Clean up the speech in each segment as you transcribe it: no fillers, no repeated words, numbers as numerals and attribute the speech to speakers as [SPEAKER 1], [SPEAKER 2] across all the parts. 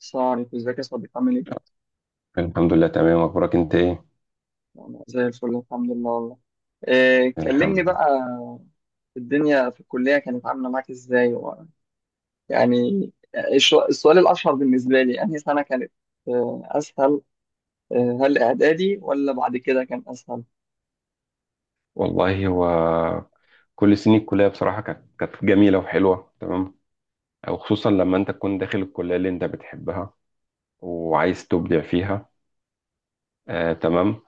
[SPEAKER 1] السلام عليكم، ازيك يا صديقي عامل ايه؟
[SPEAKER 2] الحمد لله، تمام. اخبارك انت ايه؟
[SPEAKER 1] انا زي الفل، الحمد لله والله. إيه،
[SPEAKER 2] الحمد
[SPEAKER 1] كلمني
[SPEAKER 2] لله.
[SPEAKER 1] بقى. الدنيا في الكلية كانت عاملة معاك ازاي؟ يعني السؤال الأشهر بالنسبة لي أنهي سنة كانت أسهل؟ هل إعدادي ولا بعد كده كان أسهل؟
[SPEAKER 2] والله هو كل سنين الكليه بصراحه كانت جميله وحلوه تمام، او خصوصا لما انت تكون داخل الكليه اللي انت بتحبها وعايز تبدع فيها. آه، تمام.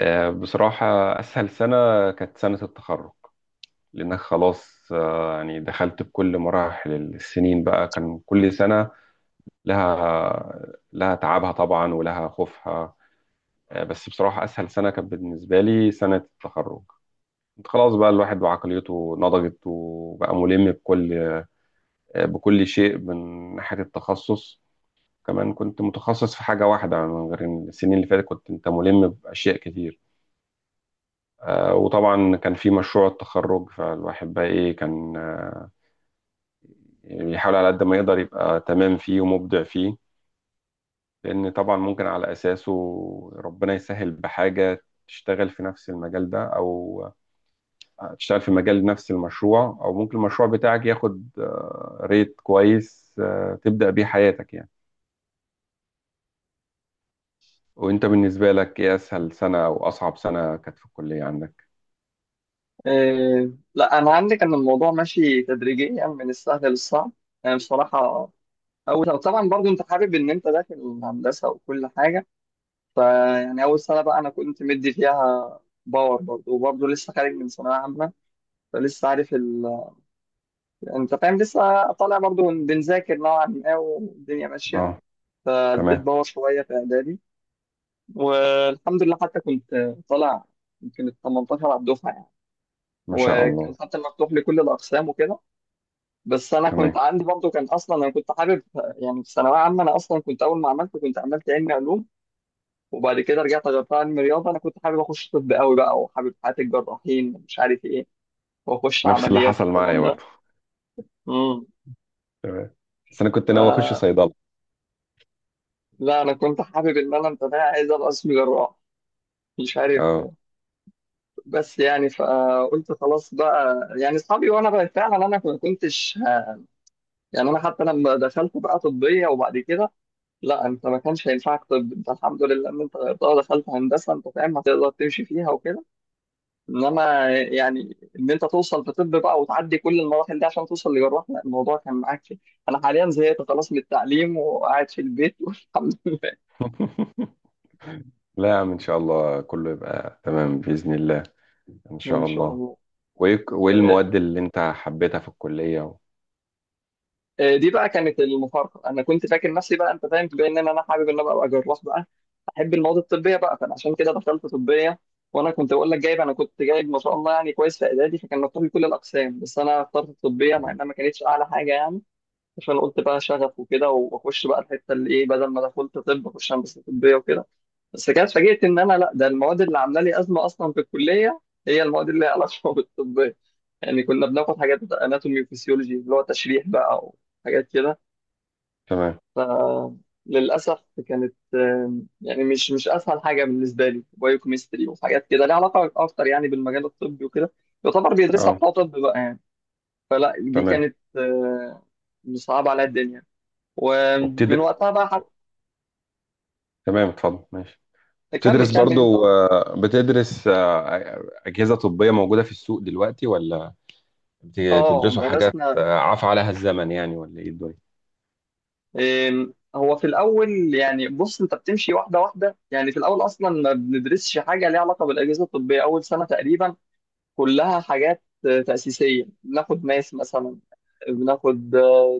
[SPEAKER 2] آه، بصراحه اسهل سنه كانت سنه التخرج، لانك خلاص يعني دخلت بكل مراحل السنين، بقى كان كل سنه لها تعبها طبعا ولها خوفها. آه، بس بصراحه اسهل سنه كانت بالنسبه لي سنه التخرج. خلاص بقى الواحد وعقليته نضجت، وبقى ملم بكل شيء من ناحية التخصص. كمان كنت متخصص في حاجة واحدة، من غير إن السنين اللي فاتت كنت انت ملم بأشياء كتير. وطبعا كان في مشروع التخرج، فالواحد بقى ايه كان بيحاول على قد ما يقدر يبقى تمام فيه ومبدع فيه، لأن طبعا ممكن على أساسه ربنا يسهل بحاجة تشتغل في نفس المجال ده، أو هتشتغل في مجال نفس المشروع، او ممكن المشروع بتاعك ياخد ريت كويس تبدأ بيه حياتك يعني. وانت بالنسبة لك ايه اسهل سنة او اصعب سنة كانت في الكلية عندك؟
[SPEAKER 1] لا، أنا عندي كان الموضوع ماشي تدريجيا من السهل للصعب. يعني بصراحة أول طبعا برضو أنت حابب إن أنت داخل الهندسة وكل حاجة. فيعني أول سنة بقى أنا كنت مدي فيها باور برضه وبرضه لسه خارج من ثانوية عامة، فلسه عارف أنت فاهم، لسه طالع برضه بنذاكر نوعا ما والدنيا ماشية.
[SPEAKER 2] اه،
[SPEAKER 1] فاديت
[SPEAKER 2] تمام.
[SPEAKER 1] باور شوية في إعدادي والحمد لله حتى كنت طالع يمكن ال 18 على الدفعة يعني.
[SPEAKER 2] ما شاء الله.
[SPEAKER 1] وكان حتى مفتوح لكل الأقسام وكده. بس أنا
[SPEAKER 2] تمام.
[SPEAKER 1] كنت عندي برضه، كان أصلا أنا كنت حابب يعني في ثانوية عامة، أنا أصلا كنت أول ما عملت كنت عملت علمي علوم. وبعد كده رجعت غيرتها علم رياضه. انا كنت حابب اخش طب قوي بقى، وحابب حياه الجراحين، مش عارف ايه، واخش
[SPEAKER 2] نفس اللي
[SPEAKER 1] عمليات
[SPEAKER 2] حصل معايا
[SPEAKER 1] والكلام ده.
[SPEAKER 2] برضه.
[SPEAKER 1] امم
[SPEAKER 2] تمام. بس انا كنت
[SPEAKER 1] ف
[SPEAKER 2] ناوي اخش صيدلة.
[SPEAKER 1] لا، انا كنت حابب ان انا انت عايز ابقى اسمي جراح، مش عارف.
[SPEAKER 2] اه.
[SPEAKER 1] بس يعني فقلت خلاص بقى، يعني اصحابي وانا بقى فعلا انا ما كنتش يعني انا حتى لما دخلت بقى طبيه وبعد كده. لا، انت ما كانش هينفعك طب، انت الحمد لله ان انت غيرتها ودخلت هندسه، انت فاهم هتقدر تمشي فيها وكده. انما يعني ان انت توصل في طب بقى وتعدي كل المراحل دي عشان توصل لجراح، لا الموضوع كان معاك فيه. انا حاليا زهقت خلاص من التعليم وقاعد في البيت والحمد لله.
[SPEAKER 2] لا يا عم، ان شاء الله كله يبقى تمام بإذن الله. ان
[SPEAKER 1] ان
[SPEAKER 2] شاء
[SPEAKER 1] شاء
[SPEAKER 2] الله.
[SPEAKER 1] الله.
[SPEAKER 2] وإيه
[SPEAKER 1] آه،
[SPEAKER 2] المواد اللي انت حبيتها في الكلية و...
[SPEAKER 1] دي بقى كانت المفارقه. انا كنت فاكر نفسي بقى، انت فاهم، بما ان انا حابب ان أنا ابقى جراح بقى، احب المواد الطبيه بقى، فانا عشان كده دخلت طبيه. وانا كنت بقول لك جايب، انا كنت جايب ما شاء الله يعني كويس في اعدادي، فكان مطلوب لي كل الاقسام بس انا اخترت الطبيه مع
[SPEAKER 2] تمام.
[SPEAKER 1] انها ما كانتش اعلى حاجه يعني. عشان قلت بقى شغف وكده، واخش بقى الحته اللي ايه، بدل ما دخلت طب اخش هندسه طبيه وكده. بس كده اتفاجئت ان انا، لا ده المواد اللي عامله لي ازمه اصلا في الكليه هي المواد اللي ليها علاقه بالطبيه. يعني كنا بناخد حاجات اناتومي وفسيولوجي اللي هو تشريح بقى، وحاجات كده.
[SPEAKER 2] تمام.
[SPEAKER 1] للاسف كانت يعني مش اسهل حاجه بالنسبه لي، بايوكيمستري وحاجات كده ليها علاقه اكتر يعني بالمجال الطبي وكده، يعتبر بيدرسها
[SPEAKER 2] اه.
[SPEAKER 1] بتوع طب بقى يعني. فلا دي
[SPEAKER 2] تمام.
[SPEAKER 1] كانت صعبه على الدنيا. ومن
[SPEAKER 2] وبتدرس.
[SPEAKER 1] وقتها بقى.
[SPEAKER 2] تمام، اتفضل ماشي.
[SPEAKER 1] كمل كمل انت قلت.
[SPEAKER 2] بتدرس أجهزة طبية موجودة في السوق دلوقتي، ولا
[SPEAKER 1] اه
[SPEAKER 2] بتدرسوا حاجات
[SPEAKER 1] درسنا.
[SPEAKER 2] عفى عليها الزمن يعني، ولا إيه الدنيا؟
[SPEAKER 1] هو في الاول يعني، بص انت بتمشي واحده واحده. يعني في الاول اصلا ما بندرسش حاجه ليها علاقه بالاجهزه الطبيه اول سنه تقريبا. كلها حاجات تاسيسيه، بناخد ماس مثلا، بناخد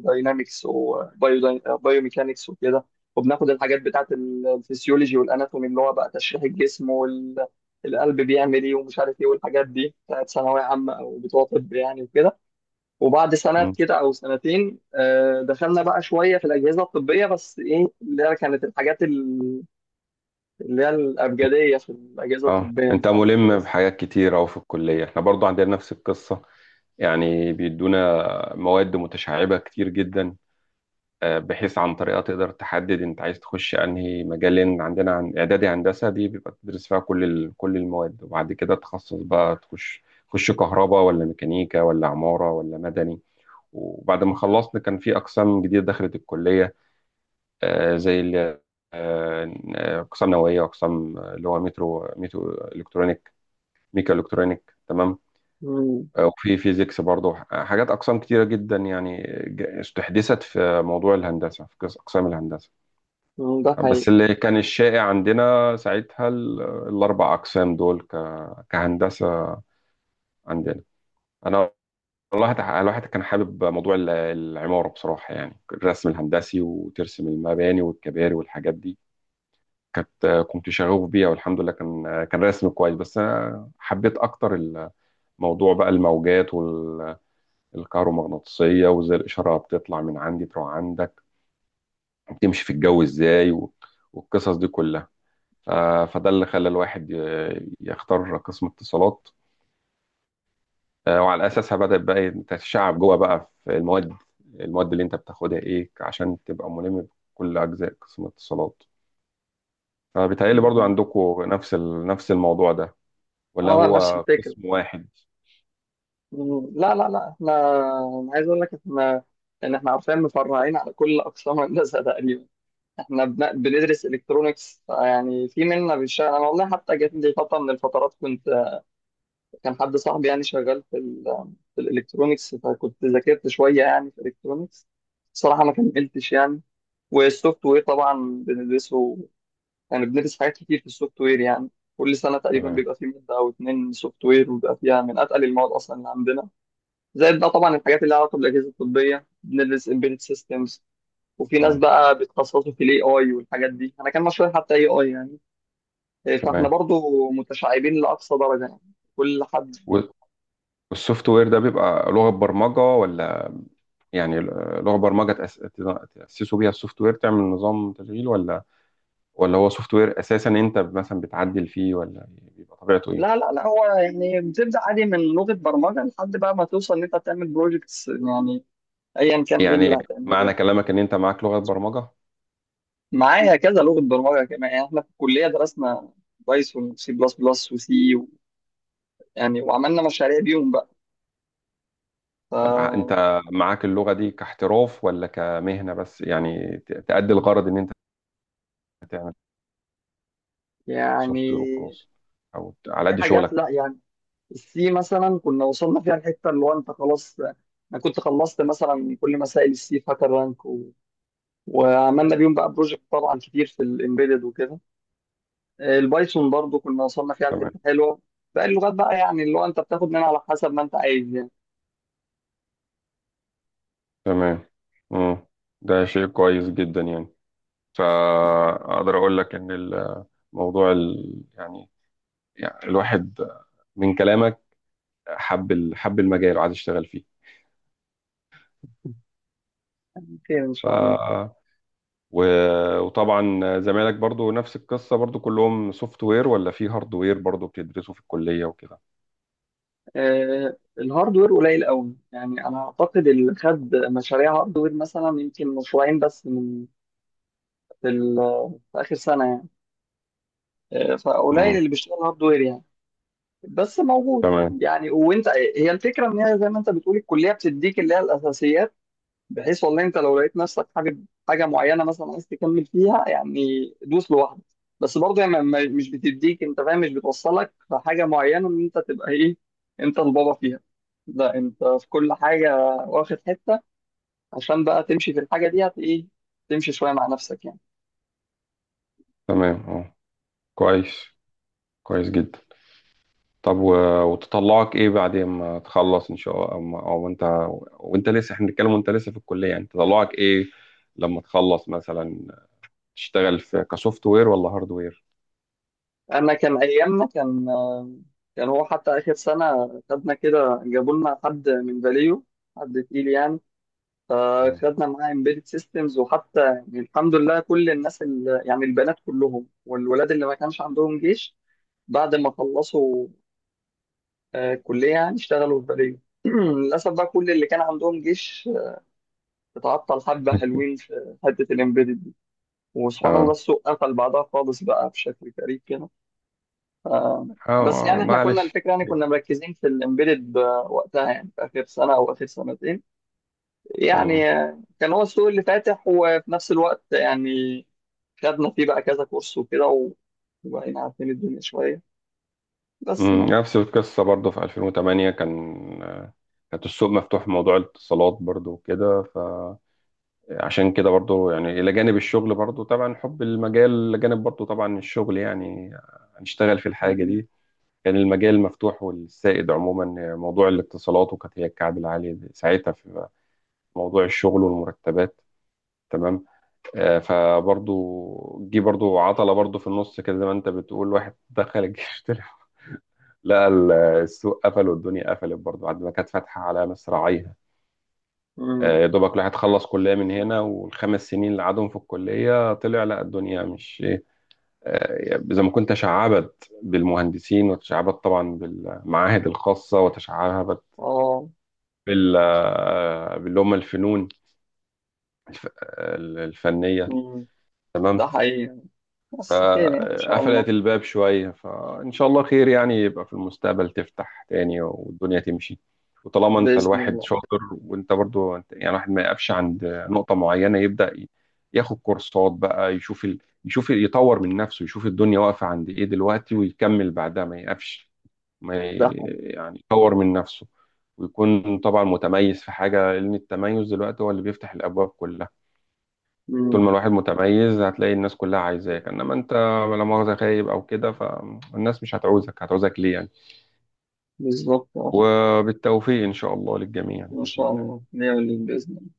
[SPEAKER 1] داينامكس وبايوميكانكس وكده. وبناخد الحاجات بتاعت الفسيولوجي والاناتومي اللي هو بقى تشريح الجسم والقلب بيعمل ايه ومش عارف ايه، والحاجات دي بتاعت ثانويه عامه او بتوع طب يعني وكده. وبعد سنة
[SPEAKER 2] مم.
[SPEAKER 1] كده أو سنتين دخلنا بقى شوية في الأجهزة الطبية، بس إيه اللي هي كانت الحاجات اللي هي الأبجدية في الأجهزة
[SPEAKER 2] اه،
[SPEAKER 1] الطبية،
[SPEAKER 2] انت
[SPEAKER 1] مش عارف إيه.
[SPEAKER 2] ملم بحاجات كتير. اهو في الكلية احنا برضو عندنا نفس القصة، يعني بيدونا مواد متشعبة كتير جدا، بحيث عن طريقها تقدر تحدد انت عايز تخش انهي مجال. لان عندنا، عن اعدادي هندسة، دي بيبقى تدرس فيها كل المواد، وبعد كده تخصص بقى تخش كهرباء ولا ميكانيكا ولا عمارة ولا مدني. وبعد ما خلصنا كان في أقسام جديدة دخلت الكلية، آه، زي ال- آه، أقسام نووية، وأقسام اللي هو مترو ميتو إلكترونيك ميكا إلكترونيك، تمام.
[SPEAKER 1] مم.
[SPEAKER 2] وفي فيزيكس برضه حاجات، أقسام كتيرة جدا يعني استحدثت في موضوع الهندسة، في أقسام الهندسة.
[SPEAKER 1] مم. ده
[SPEAKER 2] بس
[SPEAKER 1] حقيقي.
[SPEAKER 2] اللي كان الشائع عندنا ساعتها الأربع أقسام دول كهندسة عندنا. أنا والله الواحد كان حابب موضوع العمارة، بصراحة يعني الرسم الهندسي، وترسم المباني والكباري والحاجات دي. كنت شغوف بيها، والحمد لله كان رسم كويس. بس أنا حبيت أكتر الموضوع بقى الموجات والكهرومغناطيسية، وإزاي الإشارة بتطلع من عندي تروح عندك، وبتمشي في الجو إزاي، و- والقصص دي كلها. ف- فده اللي خلى الواحد يختار قسم اتصالات. وعلى اساسها بدات بقى تتشعب جوه بقى في المواد اللي انت بتاخدها ايه عشان تبقى ملم بكل اجزاء قسم اتصالات. فبيتهيألي برضو
[SPEAKER 1] مم.
[SPEAKER 2] عندكم نفس الموضوع ده، ولا
[SPEAKER 1] أه، نفس
[SPEAKER 2] هو
[SPEAKER 1] الفكرة.
[SPEAKER 2] قسم واحد؟
[SPEAKER 1] مم. لا لا لا، إحنا، أنا عايز أقول لك إحنا، إن إحنا عارفين مفرعين على كل أقسام الهندسة تقريبا. إحنا بندرس إلكترونيكس، يعني في منا بيشتغل. أنا والله حتى جات لي فترة من الفترات كنت، كان حد صاحبي يعني شغال في ال في الالكترونيكس، فكنت ذاكرت شويه يعني في الالكترونيكس، صراحه ما كملتش يعني. والسوفت وير طبعا بندرسه، يعني بندرس حاجات كتير في السوفت وير يعني. كل سنه تقريبا
[SPEAKER 2] تمام.
[SPEAKER 1] بيبقى فيه ماده او اتنين سوفت وير، وبيبقى فيها من اتقل المواد اصلا اللي عندنا. زائد بقى طبعا الحاجات اللي لها علاقه بالاجهزه الطبيه، بندرس امبيدد سيستمز. وفي ناس
[SPEAKER 2] مم.
[SPEAKER 1] بقى بيتخصصوا في الاي اي والحاجات دي، انا كان مشروعي حتى اي اي يعني. إيه، فاحنا
[SPEAKER 2] تمام.
[SPEAKER 1] برضو متشعبين لاقصى درجه يعني، كل حد.
[SPEAKER 2] وال- والسوفت وير ده بيبقى لغة برمجة ولا يعني، لغة برمجة تأسسوا بيها السوفت وير تعمل نظام تشغيل، ولا ولا هو سوفت وير أساسا أنت مثلا بتعدل فيه، ولا بيبقى طبيعته إيه؟
[SPEAKER 1] لا لا لا، هو يعني بتبدأ عادي من لغة برمجة لحد بقى ما توصل إن أنت تعمل بروجكتس يعني، أيا كان إيه اللي
[SPEAKER 2] يعني
[SPEAKER 1] هتعمله
[SPEAKER 2] معنى
[SPEAKER 1] يعني.
[SPEAKER 2] كلامك إن أنت معاك لغة برمجة.
[SPEAKER 1] معايا كذا لغة برمجة، كمان يعني إحنا في الكلية درسنا بايثون وسي بلس بلس وسي يعني، وعملنا مشاريع بيهم بقى.
[SPEAKER 2] طب
[SPEAKER 1] ف
[SPEAKER 2] انت معاك اللغة دي كاحتراف، ولا كمهنة بس يعني تأدي الغرض ان انت تعمل سوفت
[SPEAKER 1] يعني
[SPEAKER 2] وير وخلاص، او على
[SPEAKER 1] في
[SPEAKER 2] قد
[SPEAKER 1] حاجات،
[SPEAKER 2] شغلك؟
[SPEAKER 1] لا يعني، السي مثلا كنا وصلنا فيها الحتة اللي هو أنت خلاص، أنا كنت خلصت مثلا كل مسائل السي فاكر رانك وعملنا بيهم بقى بروجكت طبعا كتير في الإمبيدد وكده. البايثون برضو كنا وصلنا فيها
[SPEAKER 2] تمام.
[SPEAKER 1] لحته حلوه. باقي اللغات بقى يعني، اللي هو انت بتاخد منها على حسب ما انت عايز يعني.
[SPEAKER 2] تمام. مم. ده شيء كويس جدا يعني. فاقدر اقول لك ان الموضوع ال... يعني... يعني الواحد من كلامك حب حب المجال وعايز يشتغل فيه.
[SPEAKER 1] خير ان شاء الله.
[SPEAKER 2] ف... و... وطبعا زمايلك برضو نفس القصة، برضو كلهم سوفت وير، ولا في هارد وير برضو بتدرسوا في الكلية وكده؟
[SPEAKER 1] الهاردوير قليل قوي يعني، انا اعتقد اللي خد مشاريع هاردوير مثلا يمكن مشروعين بس من في, ال- في اخر سنه يعني. فقليل
[SPEAKER 2] مم.
[SPEAKER 1] اللي بيشتغل هاردوير يعني، بس موجود.
[SPEAKER 2] تمام.
[SPEAKER 1] يعني وانت، هي الفكره ان هي زي ما انت بتقول الكليه بتديك اللي هي الاساسيات، بحيث والله انت لو لقيت نفسك حابب حاجه معينه مثلا عايز تكمل فيها يعني، دوس لوحدك. بس برضه يعني مش بتديك، انت فاهم مش بتوصلك لحاجه معينه ان انت تبقى ايه، انت البابا فيها. لا، انت في كل حاجه واخد حته، عشان بقى تمشي في الحاجه دي هت ايه، تمشي شويه مع نفسك يعني.
[SPEAKER 2] تمام. اه. كويس، كويس جدا. طب و... وتطلعك ايه بعدين ما تخلص ان شاء الله، او، ما... أو انت، وانت لسه، احنا بنتكلم وانت لسه في الكليه، يعني تطلعك ايه لما تخلص مثلا؟ تشتغل في كسوفت وير ولا هارد وير؟
[SPEAKER 1] انا كان ايامنا كان هو حتى اخر سنه خدنا كده، جابوا لنا حد من فاليو، حد تقيل يعني.
[SPEAKER 2] اه.
[SPEAKER 1] فخدنا معاه embedded systems، وحتى يعني الحمد لله كل الناس اللي يعني البنات كلهم والولاد اللي ما كانش عندهم جيش، بعد ما خلصوا كلية يعني اشتغلوا في بلدية للأسف بقى كل اللي كان عندهم جيش اتعطل، حبة حلوين في حتة الامبيدد دي. وسبحان الله
[SPEAKER 2] اه.
[SPEAKER 1] السوق قفل بعدها خالص بقى بشكل غريب كده. آه. بس يعني احنا كنا
[SPEAKER 2] معلش.
[SPEAKER 1] الفكرة، يعني كنا مركزين في الامبيدد وقتها يعني في آخر سنة أو آخر سنتين،
[SPEAKER 2] مم.
[SPEAKER 1] يعني كان هو السوق اللي فاتح، وفي نفس الوقت يعني خدنا فيه بقى كذا كورس وكده وبقينا عارفين الدنيا شوية، بس
[SPEAKER 2] مم.
[SPEAKER 1] يعني.
[SPEAKER 2] نفس القصه برضه في 2008 كانت السوق مفتوح في موضوع الاتصالات برضه وكده. عشان كده برضو يعني، إلى جانب الشغل، برضو طبعا حب المجال، إلى جانب برضو طبعا الشغل يعني هنشتغل في الحاجة
[SPEAKER 1] مم.
[SPEAKER 2] دي. كان المجال مفتوح، والسائد عموما موضوع الاتصالات، وكانت هي الكعب العالي ساعتها في موضوع الشغل والمرتبات. تمام. فبرضو جه برضو عطلة برضو في النص كده، زي ما انت بتقول، واحد دخل الجيش طلع لقى السوق قفل والدنيا قفلت برضو، بعد ما كانت فاتحة على مصراعيها.
[SPEAKER 1] مم.
[SPEAKER 2] يا دوبك الواحد خلص كلية من هنا، والخمس سنين اللي قعدهم في الكلية طلع لا الدنيا مش إيه. زي ما كنت تشعبت بالمهندسين، وتشعبت طبعا بالمعاهد الخاصة، وتشعبت
[SPEAKER 1] اه.
[SPEAKER 2] باللي هم الفنون، الفنية.
[SPEAKER 1] مم.
[SPEAKER 2] تمام.
[SPEAKER 1] ده حقيقي يعني. بس خير يعني إن شاء
[SPEAKER 2] فقفلت
[SPEAKER 1] الله.
[SPEAKER 2] الباب شوية، فإن شاء الله خير، يعني يبقى في المستقبل تفتح تاني والدنيا تمشي. وطالما أنت
[SPEAKER 1] بإذن
[SPEAKER 2] الواحد
[SPEAKER 1] الله.
[SPEAKER 2] شاطر، وأنت برضو أنت- يعني الواحد ما يقفش عند نقطة معينة، يبدأ ياخد كورسات بقى، يشوف ال... يشوف يطور من نفسه، يشوف الدنيا واقفة عند إيه دلوقتي، ويكمل بعدها ما يقفش، ما ي...
[SPEAKER 1] ده حقيقي.
[SPEAKER 2] يعني يطور من نفسه، ويكون طبعا متميز في حاجة، لأن التميز دلوقتي هو اللي بيفتح الأبواب كلها. طول
[SPEAKER 1] مم.
[SPEAKER 2] ما الواحد متميز هتلاقي الناس كلها عايزاك، انما انت لا مؤاخذة خايب او كده، فالناس مش هتعوزك، هتعوزك ليه يعني؟
[SPEAKER 1] بالظبط اه.
[SPEAKER 2] وبالتوفيق ان شاء الله للجميع
[SPEAKER 1] إن
[SPEAKER 2] بإذن
[SPEAKER 1] شاء
[SPEAKER 2] الله.
[SPEAKER 1] الله نعمل اللي بإذن الله.